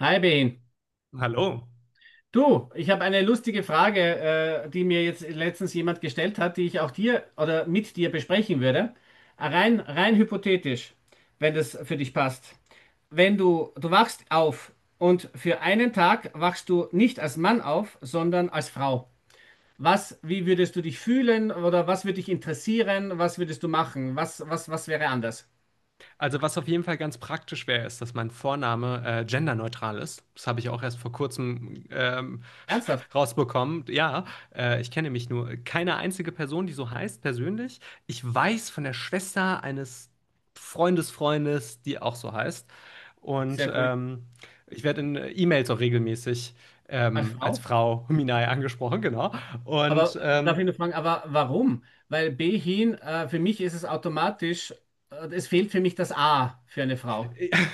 Hi Ben. Hallo. Du, ich habe eine lustige Frage, die mir jetzt letztens jemand gestellt hat, die ich auch dir oder mit dir besprechen würde. Rein hypothetisch, wenn das für dich passt. Wenn du wachst auf und für einen Tag wachst du nicht als Mann auf, sondern als Frau. Was, wie würdest du dich fühlen oder was würde dich interessieren? Was würdest du machen? Was wäre anders? Also was auf jeden Fall ganz praktisch wäre, ist, dass mein Vorname genderneutral ist. Das habe ich auch erst vor kurzem Ernsthaft? rausbekommen. Ja, ich kenne mich nur keine einzige Person, die so heißt, persönlich. Ich weiß von der Schwester eines Freundesfreundes, die auch so heißt. Und Sehr cool. ähm, ich werde in E-Mails auch regelmäßig Als als Frau? Frau Minai angesprochen, genau. Und Aber darf ähm, ich nur fragen, aber warum? Weil Behin, für mich ist es automatisch, es fehlt für mich das A für eine Frau.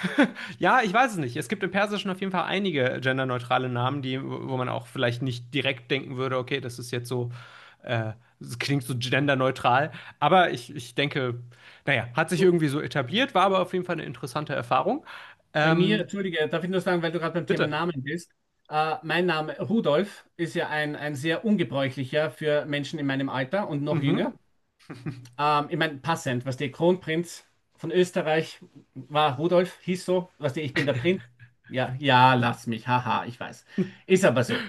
Ja, ich weiß es nicht. Es gibt im Persischen auf jeden Fall einige genderneutrale Namen, die, wo man auch vielleicht nicht direkt denken würde, okay, das ist jetzt so, äh, das klingt so genderneutral. Aber ich denke, naja, hat sich So, irgendwie so etabliert, war aber auf jeden Fall eine interessante Erfahrung. bei mir, Ähm, entschuldige, darf ich nur sagen, weil du gerade beim Thema bitte. Namen bist, mein Name Rudolf ist ja ein sehr ungebräuchlicher für Menschen in meinem Alter und noch Mhm. jünger. Ich meine, passend, was der Kronprinz von Österreich war, Rudolf hieß so, was der, ich bin der Prinz. Ja, ja, lass mich, haha, ich weiß. Ist aber so.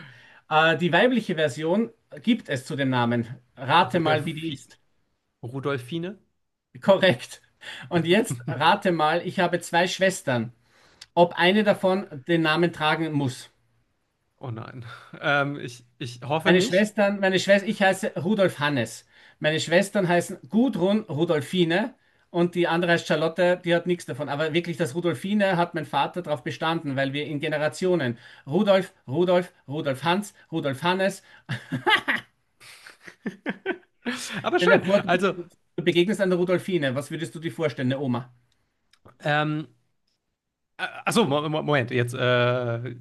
Die weibliche Version gibt es zu dem Namen. Rate mal, wie die Rudolfi, ist. Rudolfine? Korrekt. Und jetzt rate mal, ich habe zwei Schwestern, ob eine davon den Namen tragen muss. Oh nein. Ähm, ich hoffe Meine nicht. Schwestern, meine Schwester, ich heiße Rudolf Hannes. Meine Schwestern heißen Gudrun Rudolfine und die andere heißt Charlotte, die hat nichts davon. Aber wirklich, das Rudolfine hat mein Vater darauf bestanden, weil wir in Generationen Rudolf, Rudolf, Rudolf Hans, Rudolf Hannes. Aber Stell dir schön. vor, du Also, du begegnest einer Rudolfine. Was würdest du dir vorstellen, eine Oma? ähm, achso, Moment, jetzt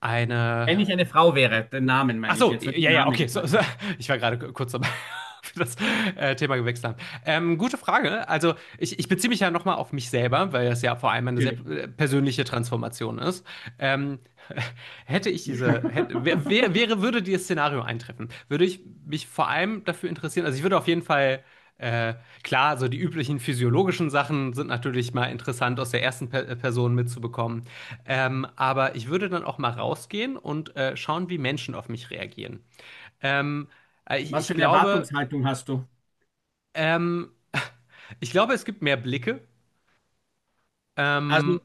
eine. Wenn ich eine Frau wäre, den Namen meine ich Achso, jetzt, weil du ja, ja, Name okay. Gesagt hast. Ich war gerade kurz dabei, ob das Thema gewechselt haben. Gute Frage, ne? Also, ich beziehe mich ja nochmal auf mich selber, weil das ja vor allem eine sehr Natürlich. Persönliche Transformation ist. Ähm, hätte ich diese, hätte, wär, wär- wäre, würde dieses Szenario eintreffen, würde ich mich vor allem dafür interessieren. Also, ich würde auf jeden Fall äh, klar, so die üblichen physiologischen Sachen sind natürlich mal interessant aus der ersten Person mitzubekommen. Aber ich würde dann auch mal rausgehen und schauen, wie Menschen auf mich reagieren. Ähm, äh, ich, Was für ich eine glaube, Erwartungshaltung hast du? ähm, ich glaube, es gibt mehr Blicke. Also, Ähm,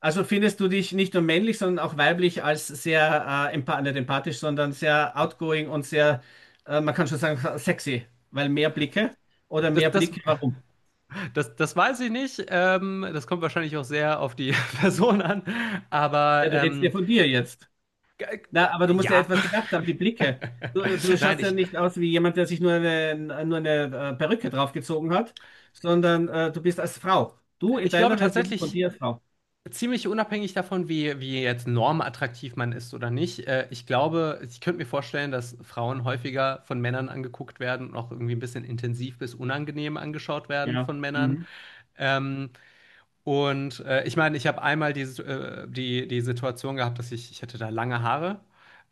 also findest du dich nicht nur männlich, sondern auch weiblich als sehr, empa nicht empathisch, sondern sehr outgoing und sehr, man kann schon sagen, sexy, weil mehr Blicke oder das, mehr das, Blicke, warum? das weiß ich nicht. Das kommt wahrscheinlich auch sehr auf die Person an. Aber Ja, du redest ähm, ja von dir jetzt. g- Na, aber du musst ja ja. etwas gedacht haben, die Blicke. Du Nein, schaust ja ich, nicht aus wie jemand, der sich nur eine Perücke draufgezogen hat, sondern du bist als Frau. Du in ich glaube deiner Version von tatsächlich, dir als Frau. ziemlich unabhängig davon, wie jetzt normattraktiv man ist oder nicht. Ich glaube ich könnte mir vorstellen, dass Frauen häufiger von Männern angeguckt werden und auch irgendwie ein bisschen intensiv bis unangenehm angeschaut werden Ja. von Männern. Mhm. Ähm, ich meine, ich habe einmal die Situation gehabt, dass ich hatte da lange Haare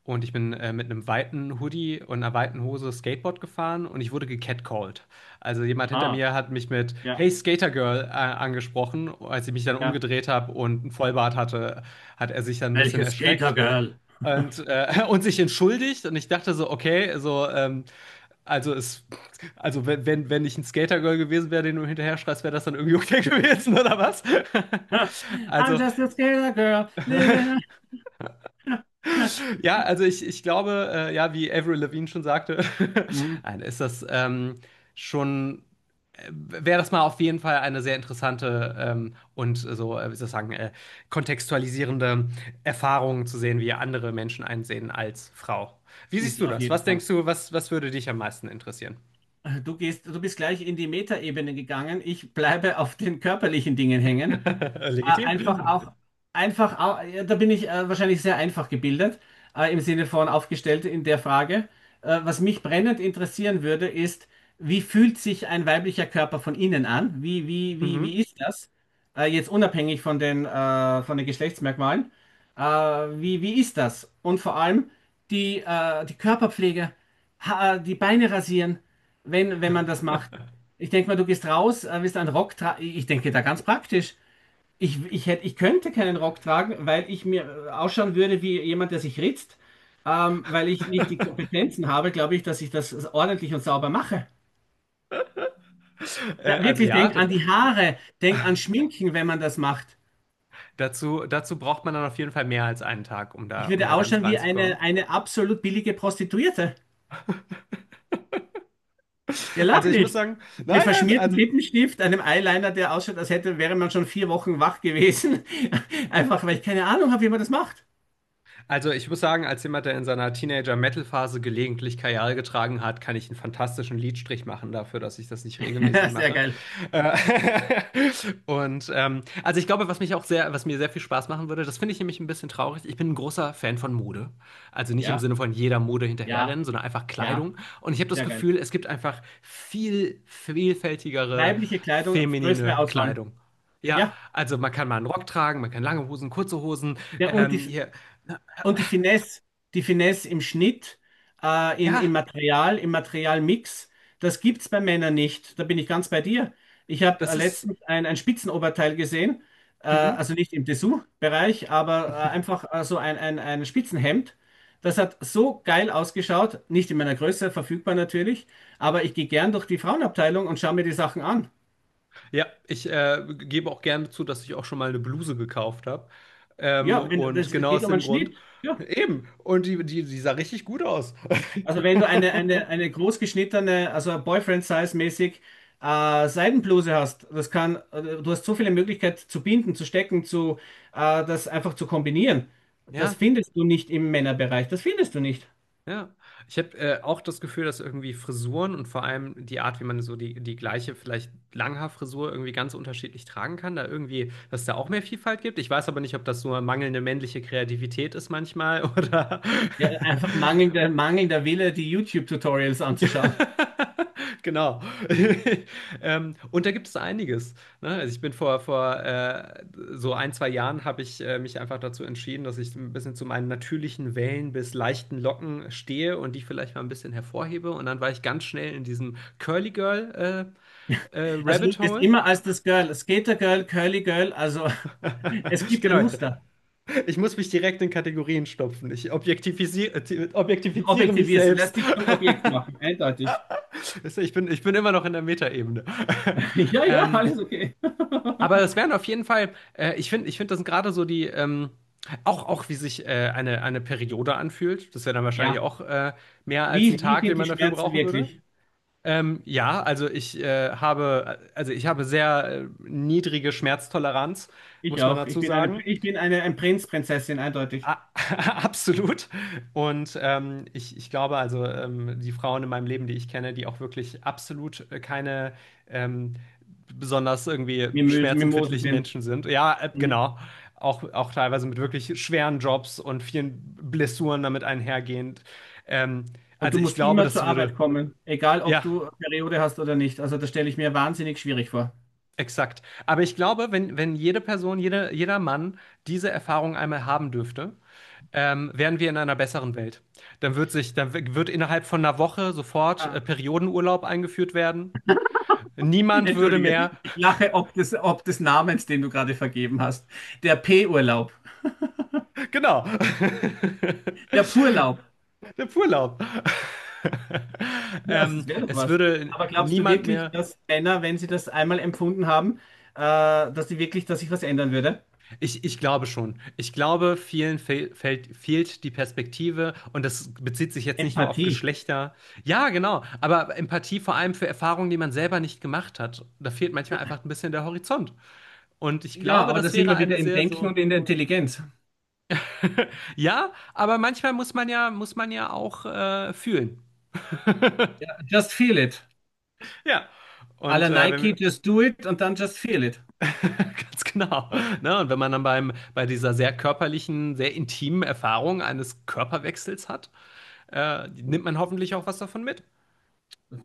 und ich bin mit einem weiten Hoodie und einer weiten Hose Skateboard gefahren und ich wurde gecatcalled. Also jemand hinter Ah, mir hat mich mit ja, „Hey Skater Girl" angesprochen. Als ich mich dann ja. umgedreht habe und einen Vollbart hatte, hat er sich dann ein bisschen Welches erschreckt. Skatergirl? Und sich entschuldigt. Und ich dachte so, okay, so also, es, also wenn, wenn ich ein Skatergirl gewesen wäre, den du hinterher schreist, wäre das dann irgendwie okay gewesen, oder was? I'm also, just a scared girl living. a- ja, also ich glaube, ja, wie Avril Lavigne schon sagte, Mhm. nein, schon, wäre das mal auf jeden Fall eine sehr interessante wie soll ich sagen, kontextualisierende Erfahrung zu sehen, wie andere Menschen einsehen als Frau. Wie siehst du Auf das? jeden Was Fall. denkst du, was würde dich am meisten interessieren? Du gehst, du bist gleich in die Metaebene gegangen. Ich bleibe auf den körperlichen Dingen hängen. Legitim. Einfach auch, einfach auch, ja, da bin ich wahrscheinlich sehr einfach gebildet, im Sinne von aufgestellt in der Frage. Was mich brennend interessieren würde, ist, wie fühlt sich ein weiblicher Körper von innen an? Wie, wie, wie, Mhm. wie ist das? Jetzt unabhängig von den Geschlechtsmerkmalen. Wie ist das? Und vor allem die, die Körperpflege, ha die Beine rasieren, wenn man das macht. Ich denke mal, du gehst raus, willst einen Rock tragen. Ich denke da ganz praktisch. Ich könnte keinen Rock tragen, weil ich mir ausschauen würde wie jemand, der sich ritzt. Weil ich nicht die Kompetenzen habe, glaube ich, dass ich das ordentlich und sauber mache. Ja, also wirklich, ja, denk an die Haare, denk an Schminken, wenn man das macht. Dazu braucht man dann auf jeden Fall mehr als einen Tag, Ich um würde da ganz ausschauen wie eine, reinzukommen. eine absolut billige Prostituierte. Ja, lach Also ich muss nicht. sagen, Mit nein, nein, verschmiertem also Lippenstift, einem Eyeliner, der ausschaut, wäre man schon 4 Wochen wach gewesen. Einfach, weil ich keine Ahnung habe, wie man das macht. Also ich muss sagen, als jemand, der in seiner Teenager-Metal-Phase gelegentlich Kajal getragen hat, kann ich einen fantastischen Liedstrich machen dafür, dass ich das nicht regelmäßig Sehr mache. geil. Äh, also ich glaube, was mir sehr viel Spaß machen würde, das finde ich nämlich ein bisschen traurig. Ich bin ein großer Fan von Mode. Also nicht im Ja, Sinne von jeder Mode hinterherrennen, ja, sondern einfach Kleidung. ja, Und ich habe das sehr geil. Gefühl, es gibt einfach viel vielfältigere Weibliche Kleidung, größere feminine Auswahl. Kleidung. Ja, Ja, also man kann mal einen Rock tragen, man kann lange Hosen, kurze Hosen, ja und hier und die Finesse im Schnitt, im ja, Material, im Materialmix, das gibt's bei Männern nicht. Da bin ich ganz bei dir. Ich habe das ist. letztens ein Spitzenoberteil gesehen, Mhm. also nicht im Dessous-Bereich, aber einfach so ein Spitzenhemd. Das hat so geil ausgeschaut, nicht in meiner Größe, verfügbar natürlich, aber ich gehe gern durch die Frauenabteilung und schaue mir die Sachen an. Ja, ich gebe auch gerne zu, dass ich auch schon mal eine Bluse gekauft habe. Ja, wenn, Und das, es genau geht aus um einen dem Grund. Schnitt. Ja. Eben. Und die sah richtig gut aus. Also wenn du eine großgeschnittene, also Boyfriend-Size-mäßig Seidenbluse hast, das kann, du hast so viele Möglichkeiten zu binden, zu stecken, zu das einfach zu kombinieren. Das Ja, findest du nicht im Männerbereich. Das findest du nicht. ja. Ich habe auch das Gefühl, dass irgendwie Frisuren und vor allem die Art, wie man so die gleiche, vielleicht Langhaarfrisur irgendwie ganz unterschiedlich tragen kann, da irgendwie, dass es da auch mehr Vielfalt gibt. Ich weiß aber nicht, ob das nur mangelnde männliche Kreativität ist manchmal oder. Ja, einfach mangelnder Wille, die YouTube-Tutorials anzuschauen. Genau. Und da gibt es einiges. Ne? Also ich bin vor, vor so ein, zwei Jahren habe ich mich einfach dazu entschieden, dass ich ein bisschen zu meinen natürlichen Wellen bis leichten Locken stehe und die vielleicht mal ein bisschen hervorhebe. Und dann war ich ganz schnell in diesem Curly Girl Also du Rabbit bist Hole. immer als das Girl, Skater-Girl, Curly-Girl, also es gibt ein Genau. Muster. Ich muss mich direkt in Kategorien stopfen. Ich objektivisiere, Du objektifiziere mich objektivierst, du lässt selbst. dich zum Objekt machen, eindeutig. Ich bin immer noch in der Metaebene. Ja, ja, Ähm, alles okay. aber das wären auf jeden Fall, ich finde, das sind gerade so die, auch wie sich eine Periode anfühlt. Das wäre dann wahrscheinlich Ja. auch mehr als ein Wie Tag, den sind die man dafür Schmerzen brauchen würde. wirklich? Ja, also ich habe sehr niedrige Schmerztoleranz, Ich muss man auch. Ich dazu bin eine, sagen. Ein Prinz, Prinzessin, eindeutig. A- Absolut. Und ich glaube, die Frauen in meinem Leben, die ich kenne, die auch wirklich absolut keine ähm, besonders irgendwie Mimosen Mimosen schmerzempfindlichen sind. Menschen sind. Ja, Mhm. genau. Auch teilweise mit wirklich schweren Jobs und vielen Blessuren damit einhergehend. Ähm, Und also du ich musst glaube, immer das zur Arbeit würde. kommen, egal ob Ja. du Periode hast oder nicht. Also das stelle ich mir wahnsinnig schwierig vor. Exakt. Aber ich glaube, wenn jede Person, jeder Mann diese Erfahrung einmal haben dürfte, wären wir in einer besseren Welt. Dann wird sich, dann w- wird innerhalb von einer Woche sofort Ah. Periodenurlaub eingeführt werden. Niemand würde Entschuldige, mehr, ich lache ob des Namens, den du gerade vergeben hast. Der P-Urlaub. genau, Der Purlaub. der Urlaub. Ja, das wäre doch es was. würde Aber glaubst du niemand wirklich, mehr dass Männer, wenn sie das einmal empfunden haben, dass sie wirklich, dass sich was ändern würde? ich glaube schon. Ich glaube, fehlt die Perspektive und das bezieht sich jetzt nicht nur auf Empathie. Geschlechter. Ja, genau, aber Empathie vor allem für Erfahrungen, die man selber nicht gemacht hat. Da fehlt manchmal einfach ein bisschen der Horizont. Und ich Ja, glaube, aber da das sind wäre wir eine wieder im sehr Denken so. und in der Intelligenz. Ja, aber manchmal muss man ja auch fühlen. Ja, just feel it. Ja. À Und la wenn wir, Nike, just do it und dann just feel it. ganz genau. Ne? Und wenn man dann bei dieser sehr körperlichen, sehr intimen Erfahrung eines Körperwechsels hat, nimmt man hoffentlich auch was davon mit.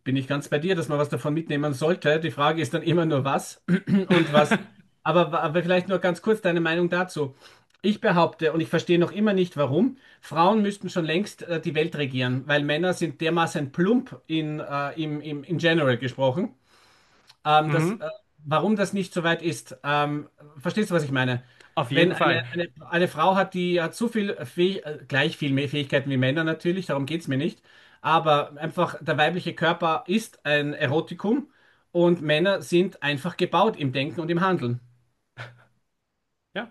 Bin ich ganz bei dir, dass man was davon mitnehmen sollte. Die Frage ist dann immer nur was und was. Aber vielleicht nur ganz kurz deine Meinung dazu. Ich behaupte, und ich verstehe noch immer nicht warum, Frauen müssten schon längst die Welt regieren, weil Männer sind dermaßen plump in, in general gesprochen. Das, Mhm. Warum das nicht so weit ist, verstehst du, was ich meine? Auf Wenn jeden eine, Fall. eine, eine Frau hat, die hat so viel Fäh gleich viel mehr Fähigkeiten wie Männer natürlich, darum geht es mir nicht, aber einfach der weibliche Körper ist ein Erotikum und Männer sind einfach gebaut im Denken und im Handeln. Ja,